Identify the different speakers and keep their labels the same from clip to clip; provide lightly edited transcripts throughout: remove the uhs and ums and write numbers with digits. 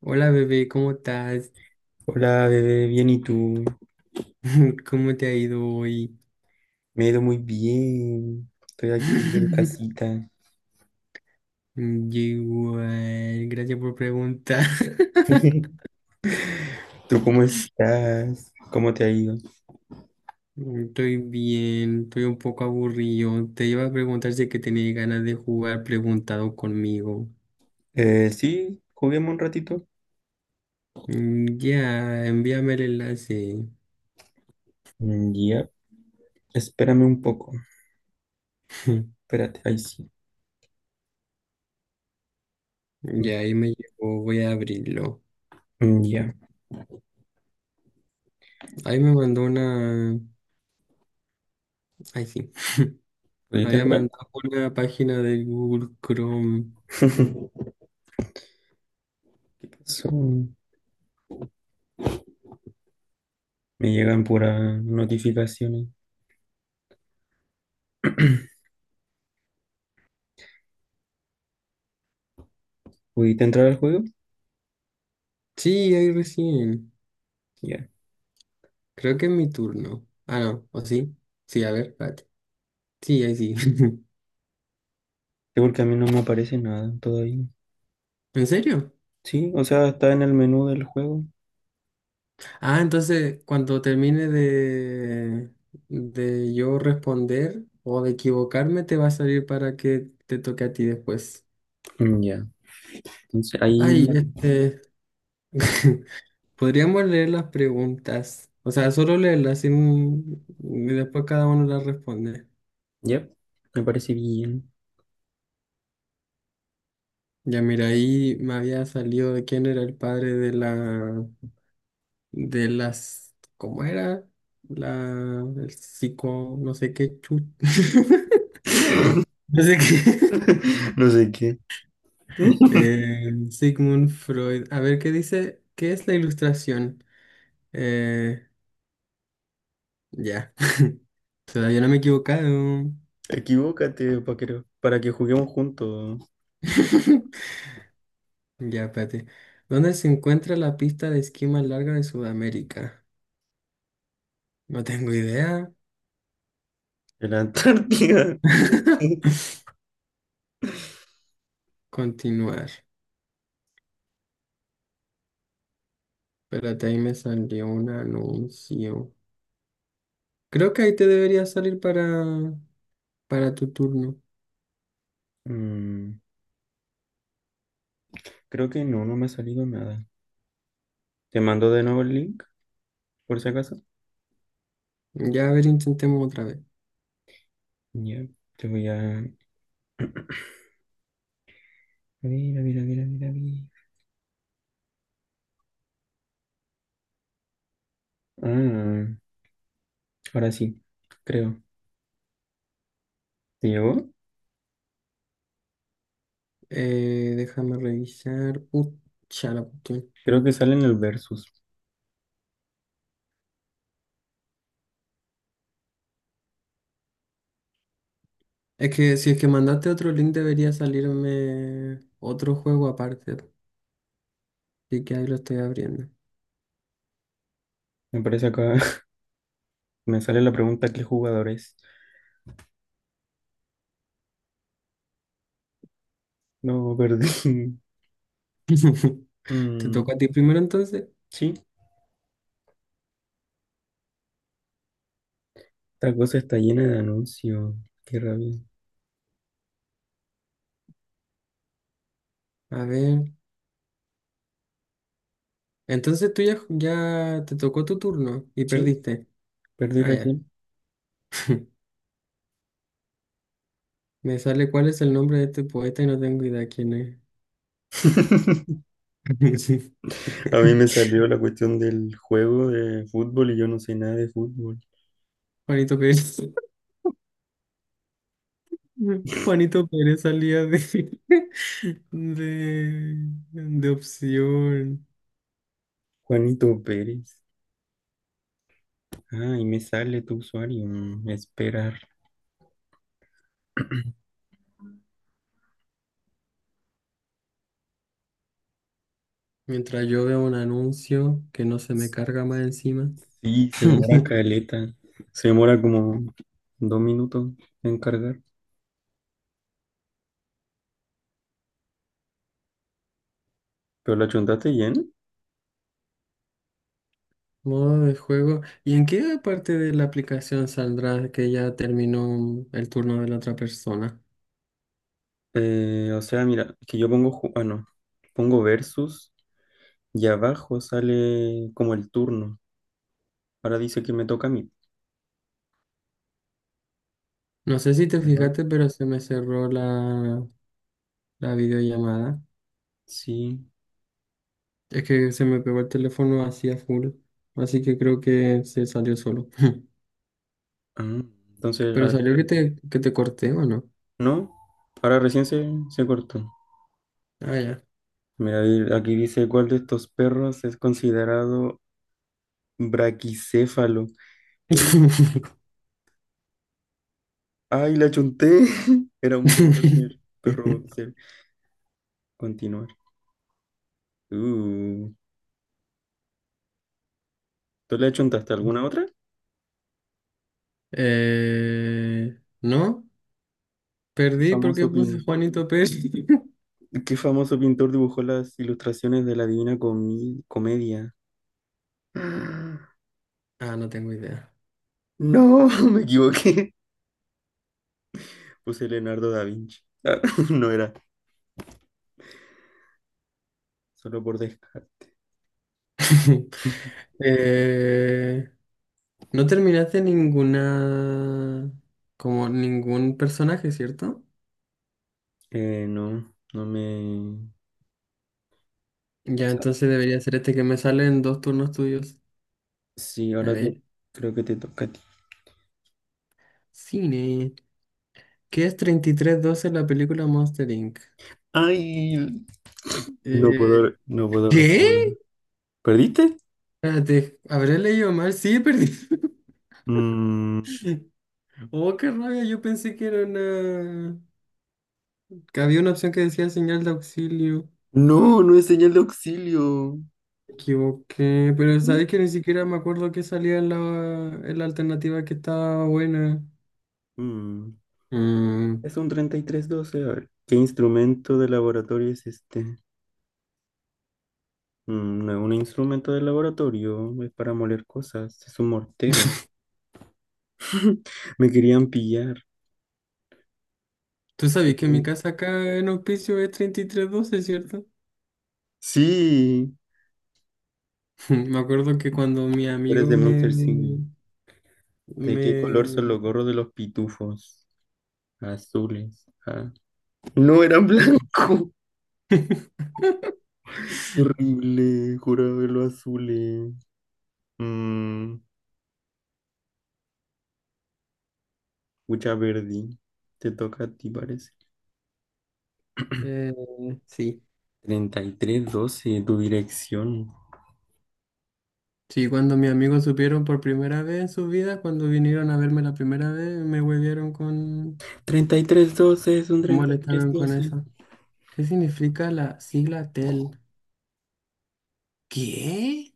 Speaker 1: Hola bebé, ¿cómo estás?
Speaker 2: Hola, bebé, bien, ¿y tú?
Speaker 1: ¿Cómo te ha ido hoy?
Speaker 2: Me he ido muy bien. Estoy aquí en casita.
Speaker 1: Yo igual, gracias por preguntar.
Speaker 2: ¿Tú cómo estás? ¿Cómo te ha ido?
Speaker 1: Estoy bien, estoy un poco aburrido. Te iba a preguntar si que tenías ganas de jugar preguntado conmigo.
Speaker 2: Sí, juguemos un ratito.
Speaker 1: Ya, envíame el enlace.
Speaker 2: Mm, ya, espérame un poco. Espérate, ahí sí.
Speaker 1: Ya, ahí me llegó, voy a abrirlo.
Speaker 2: Mm, ya.
Speaker 1: Ahí me mandó una... Ay, sí,
Speaker 2: ¿Oye,
Speaker 1: me
Speaker 2: te
Speaker 1: había
Speaker 2: entrar?
Speaker 1: mandado una página de Google Chrome.
Speaker 2: ¿Qué pasó? Me llegan puras notificaciones. ¿Pudiste entrar al juego?
Speaker 1: Sí, ahí recién.
Speaker 2: Ya.
Speaker 1: Creo que es mi turno. Ah, no, ¿o sí? Sí, a ver, espérate. Sí, ahí sí.
Speaker 2: Sí, porque a mí no me aparece nada todavía.
Speaker 1: ¿En serio?
Speaker 2: Sí, o sea, está en el menú del juego.
Speaker 1: Ah, entonces, cuando termine de, yo responder o de equivocarme, te va a salir para que te toque a ti después.
Speaker 2: Mm, ya. Entonces ahí,
Speaker 1: Ay, este... Podríamos leer las preguntas. O sea, solo leerlas sin- y después cada uno las responde.
Speaker 2: ya, me parece bien.
Speaker 1: Ya mira, ahí me había salido de quién era el padre de la... de las, ¿cómo era? La, el psico, no sé qué chu- no sé qué.
Speaker 2: No sé qué.
Speaker 1: Sigmund Freud. A ver, ¿qué dice? ¿Qué es la ilustración? Eh, ya, todavía no me he equivocado.
Speaker 2: Equivócate, para que juguemos juntos
Speaker 1: Ya, espérate. ¿Dónde se encuentra la pista de esquí más larga de Sudamérica? No tengo idea.
Speaker 2: en la Antártida.
Speaker 1: Continuar. Espérate, ahí me salió un anuncio. Creo que ahí te debería salir para tu turno.
Speaker 2: Mm, creo que no, no me ha salido nada. Te mando de nuevo el link, por si acaso.
Speaker 1: Ya a ver, intentemos otra vez.
Speaker 2: Ya, te voy a... A ver, a ver, a ver, a ver, a ver. Ah, ahora sí, creo. ¿Te llegó?
Speaker 1: Déjame revisar. Pucha, la cuestión.
Speaker 2: Creo que sale en el versus.
Speaker 1: Es que si es que mandaste otro link debería salirme otro juego aparte. Así que ahí lo estoy abriendo.
Speaker 2: Me parece acá, me sale la pregunta, ¿qué jugador es? No, perdí.
Speaker 1: ¿Te
Speaker 2: Mm,
Speaker 1: tocó a ti primero entonces?
Speaker 2: sí, esta cosa está llena de anuncios. Qué rabia.
Speaker 1: A ver. Entonces tú ya te tocó tu turno y
Speaker 2: Sí.
Speaker 1: perdiste.
Speaker 2: Perdí
Speaker 1: Ah, ya.
Speaker 2: recién.
Speaker 1: Me sale cuál es el nombre de este poeta y no tengo idea quién es. Sí.
Speaker 2: A mí me salió la cuestión del juego de fútbol y yo no sé nada de fútbol.
Speaker 1: Juanito Pérez. Juanito Pérez salía de, de, de opción.
Speaker 2: Juanito Pérez. Ah, y me sale tu usuario. Mm, esperar.
Speaker 1: Mientras yo veo un anuncio que no se me carga más encima.
Speaker 2: Sí, se demora caleta. Se demora como 2 minutos en cargar. Pero la chuntaste bien.
Speaker 1: Modo de juego. ¿Y en qué parte de la aplicación saldrá que ya terminó el turno de la otra persona?
Speaker 2: O sea, mira, que yo pongo, ju- ah, no, pongo versus y abajo sale como el turno. Ahora dice que me toca a mí.
Speaker 1: No sé si te
Speaker 2: A ver,
Speaker 1: fijaste, pero se me cerró la videollamada.
Speaker 2: sí.
Speaker 1: Es que se me pegó el teléfono así a full. Así que creo que se salió solo.
Speaker 2: Ah, entonces,
Speaker 1: Pero salió que te corté, ¿o no?
Speaker 2: no, ahora recién se cortó.
Speaker 1: Ah, ya.
Speaker 2: Mira, aquí dice cuál de estos perros es considerado braquicéfalo. ¿Qué? ¡Ay, la chunté! Era un boxer, perro boxer. Continuar. Uh, ¿Tú le achuntaste alguna otra?
Speaker 1: No,
Speaker 2: ¿Qué
Speaker 1: perdí porque
Speaker 2: famoso,
Speaker 1: puse Juanito Pérez.
Speaker 2: qué famoso pintor dibujó las ilustraciones de la Divina Comedia?
Speaker 1: Ah, no tengo idea.
Speaker 2: No, me equivoqué. Puse Leonardo da Vinci. Ah, no era, solo por descarte.
Speaker 1: Eh, no terminaste ninguna, como ningún personaje, ¿cierto?
Speaker 2: No, no me,
Speaker 1: Ya,
Speaker 2: sea,
Speaker 1: entonces debería ser este que me sale en dos turnos tuyos.
Speaker 2: Sí,
Speaker 1: A ver,
Speaker 2: creo que te toca a ti.
Speaker 1: cine. ¿Qué es 33-12 la película Monster Inc?
Speaker 2: Ay,
Speaker 1: Eh,
Speaker 2: no puedo responder.
Speaker 1: ¿Qué?
Speaker 2: ¿Perdiste?
Speaker 1: Espérate, ¿habré leído mal? Sí, perdí.
Speaker 2: Mm,
Speaker 1: Oh, qué rabia, yo pensé que era una... que había una opción que decía señal de auxilio.
Speaker 2: no, no es señal de auxilio.
Speaker 1: Me equivoqué, pero
Speaker 2: Mm.
Speaker 1: sabes que ni siquiera me acuerdo que salía en en la alternativa que estaba buena.
Speaker 2: Mm,
Speaker 1: Mm,
Speaker 2: Es un 33 12. A ver, ¿qué instrumento de laboratorio es este? Mm, no es un instrumento de laboratorio, es para moler cosas, es un mortero. Me querían pillar.
Speaker 1: Tú sabes que mi
Speaker 2: Ujú.
Speaker 1: casa acá en Hospicio es 33-12, ¿cierto?
Speaker 2: Sí.
Speaker 1: Me acuerdo que cuando mi
Speaker 2: Tú eres
Speaker 1: amigo
Speaker 2: de
Speaker 1: me...
Speaker 2: Monster Inc. ¿De qué color
Speaker 1: me...
Speaker 2: son los gorros de los pitufos? Azules. Ah, no eran blanco. Horrible, juraba verlo azules. Mmm, mucha verde. Te toca a ti, parece.
Speaker 1: eh, sí.
Speaker 2: 33 12, tu dirección.
Speaker 1: Sí, cuando mis amigos supieron por primera vez en su vida, cuando vinieron a verme la primera vez, me huevieron con...
Speaker 2: 33 12, es un
Speaker 1: Me
Speaker 2: treinta y tres
Speaker 1: molestaron con
Speaker 2: doce.
Speaker 1: eso. ¿Qué significa la sigla TEL? ¿Qué?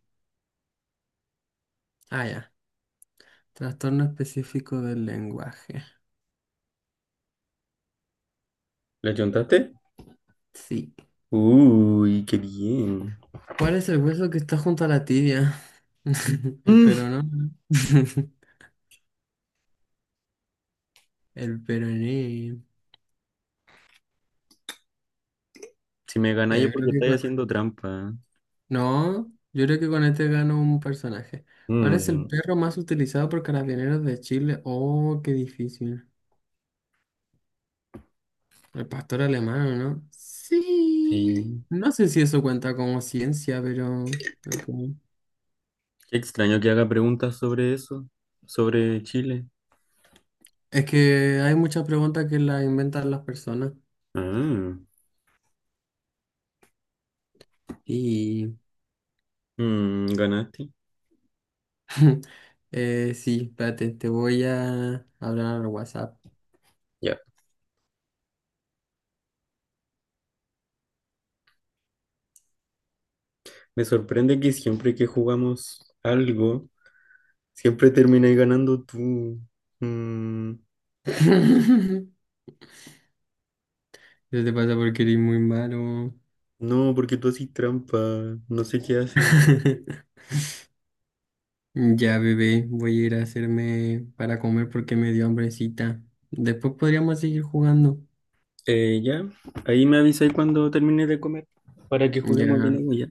Speaker 1: Ah, ya. Trastorno específico del lenguaje.
Speaker 2: ¿La chontaste?
Speaker 1: Sí.
Speaker 2: Uy, qué bien.
Speaker 1: ¿Cuál es el hueso que está junto a la tibia? El
Speaker 2: Mm,
Speaker 1: peroné. El peroné.
Speaker 2: si me
Speaker 1: Ya,
Speaker 2: ganáis es
Speaker 1: yo
Speaker 2: porque
Speaker 1: creo que
Speaker 2: estáis
Speaker 1: con-
Speaker 2: haciendo trampa.
Speaker 1: No, yo creo que con este gano un personaje. ¿Cuál es el
Speaker 2: Mm,
Speaker 1: perro más utilizado por carabineros de Chile? Oh, qué difícil. El pastor alemán, ¿no? Sí.
Speaker 2: sí.
Speaker 1: No sé si eso cuenta como ciencia, pero... ok.
Speaker 2: Qué extraño que haga preguntas sobre eso, sobre Chile.
Speaker 1: Es que hay muchas preguntas que las inventan las personas.
Speaker 2: Ah,
Speaker 1: Y...
Speaker 2: mm, ganaste.
Speaker 1: sí, espérate, te voy a hablar al WhatsApp.
Speaker 2: Ya. Me sorprende que siempre que jugamos algo, siempre terminas ganando tú. Mm,
Speaker 1: ¿Qué te pasa porque eres muy malo?
Speaker 2: no, porque tú haces trampa, no sé qué haces.
Speaker 1: Ya, bebé, voy a ir a hacerme para comer porque me dio hambrecita. Después podríamos seguir jugando.
Speaker 2: Ya, ahí me avisáis cuando termine de comer para que juguemos de
Speaker 1: Ya,
Speaker 2: nuevo ya.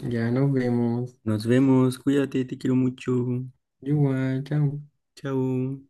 Speaker 1: ya nos vemos.
Speaker 2: Nos vemos, cuídate, te quiero mucho.
Speaker 1: Igual, chao.
Speaker 2: Chao.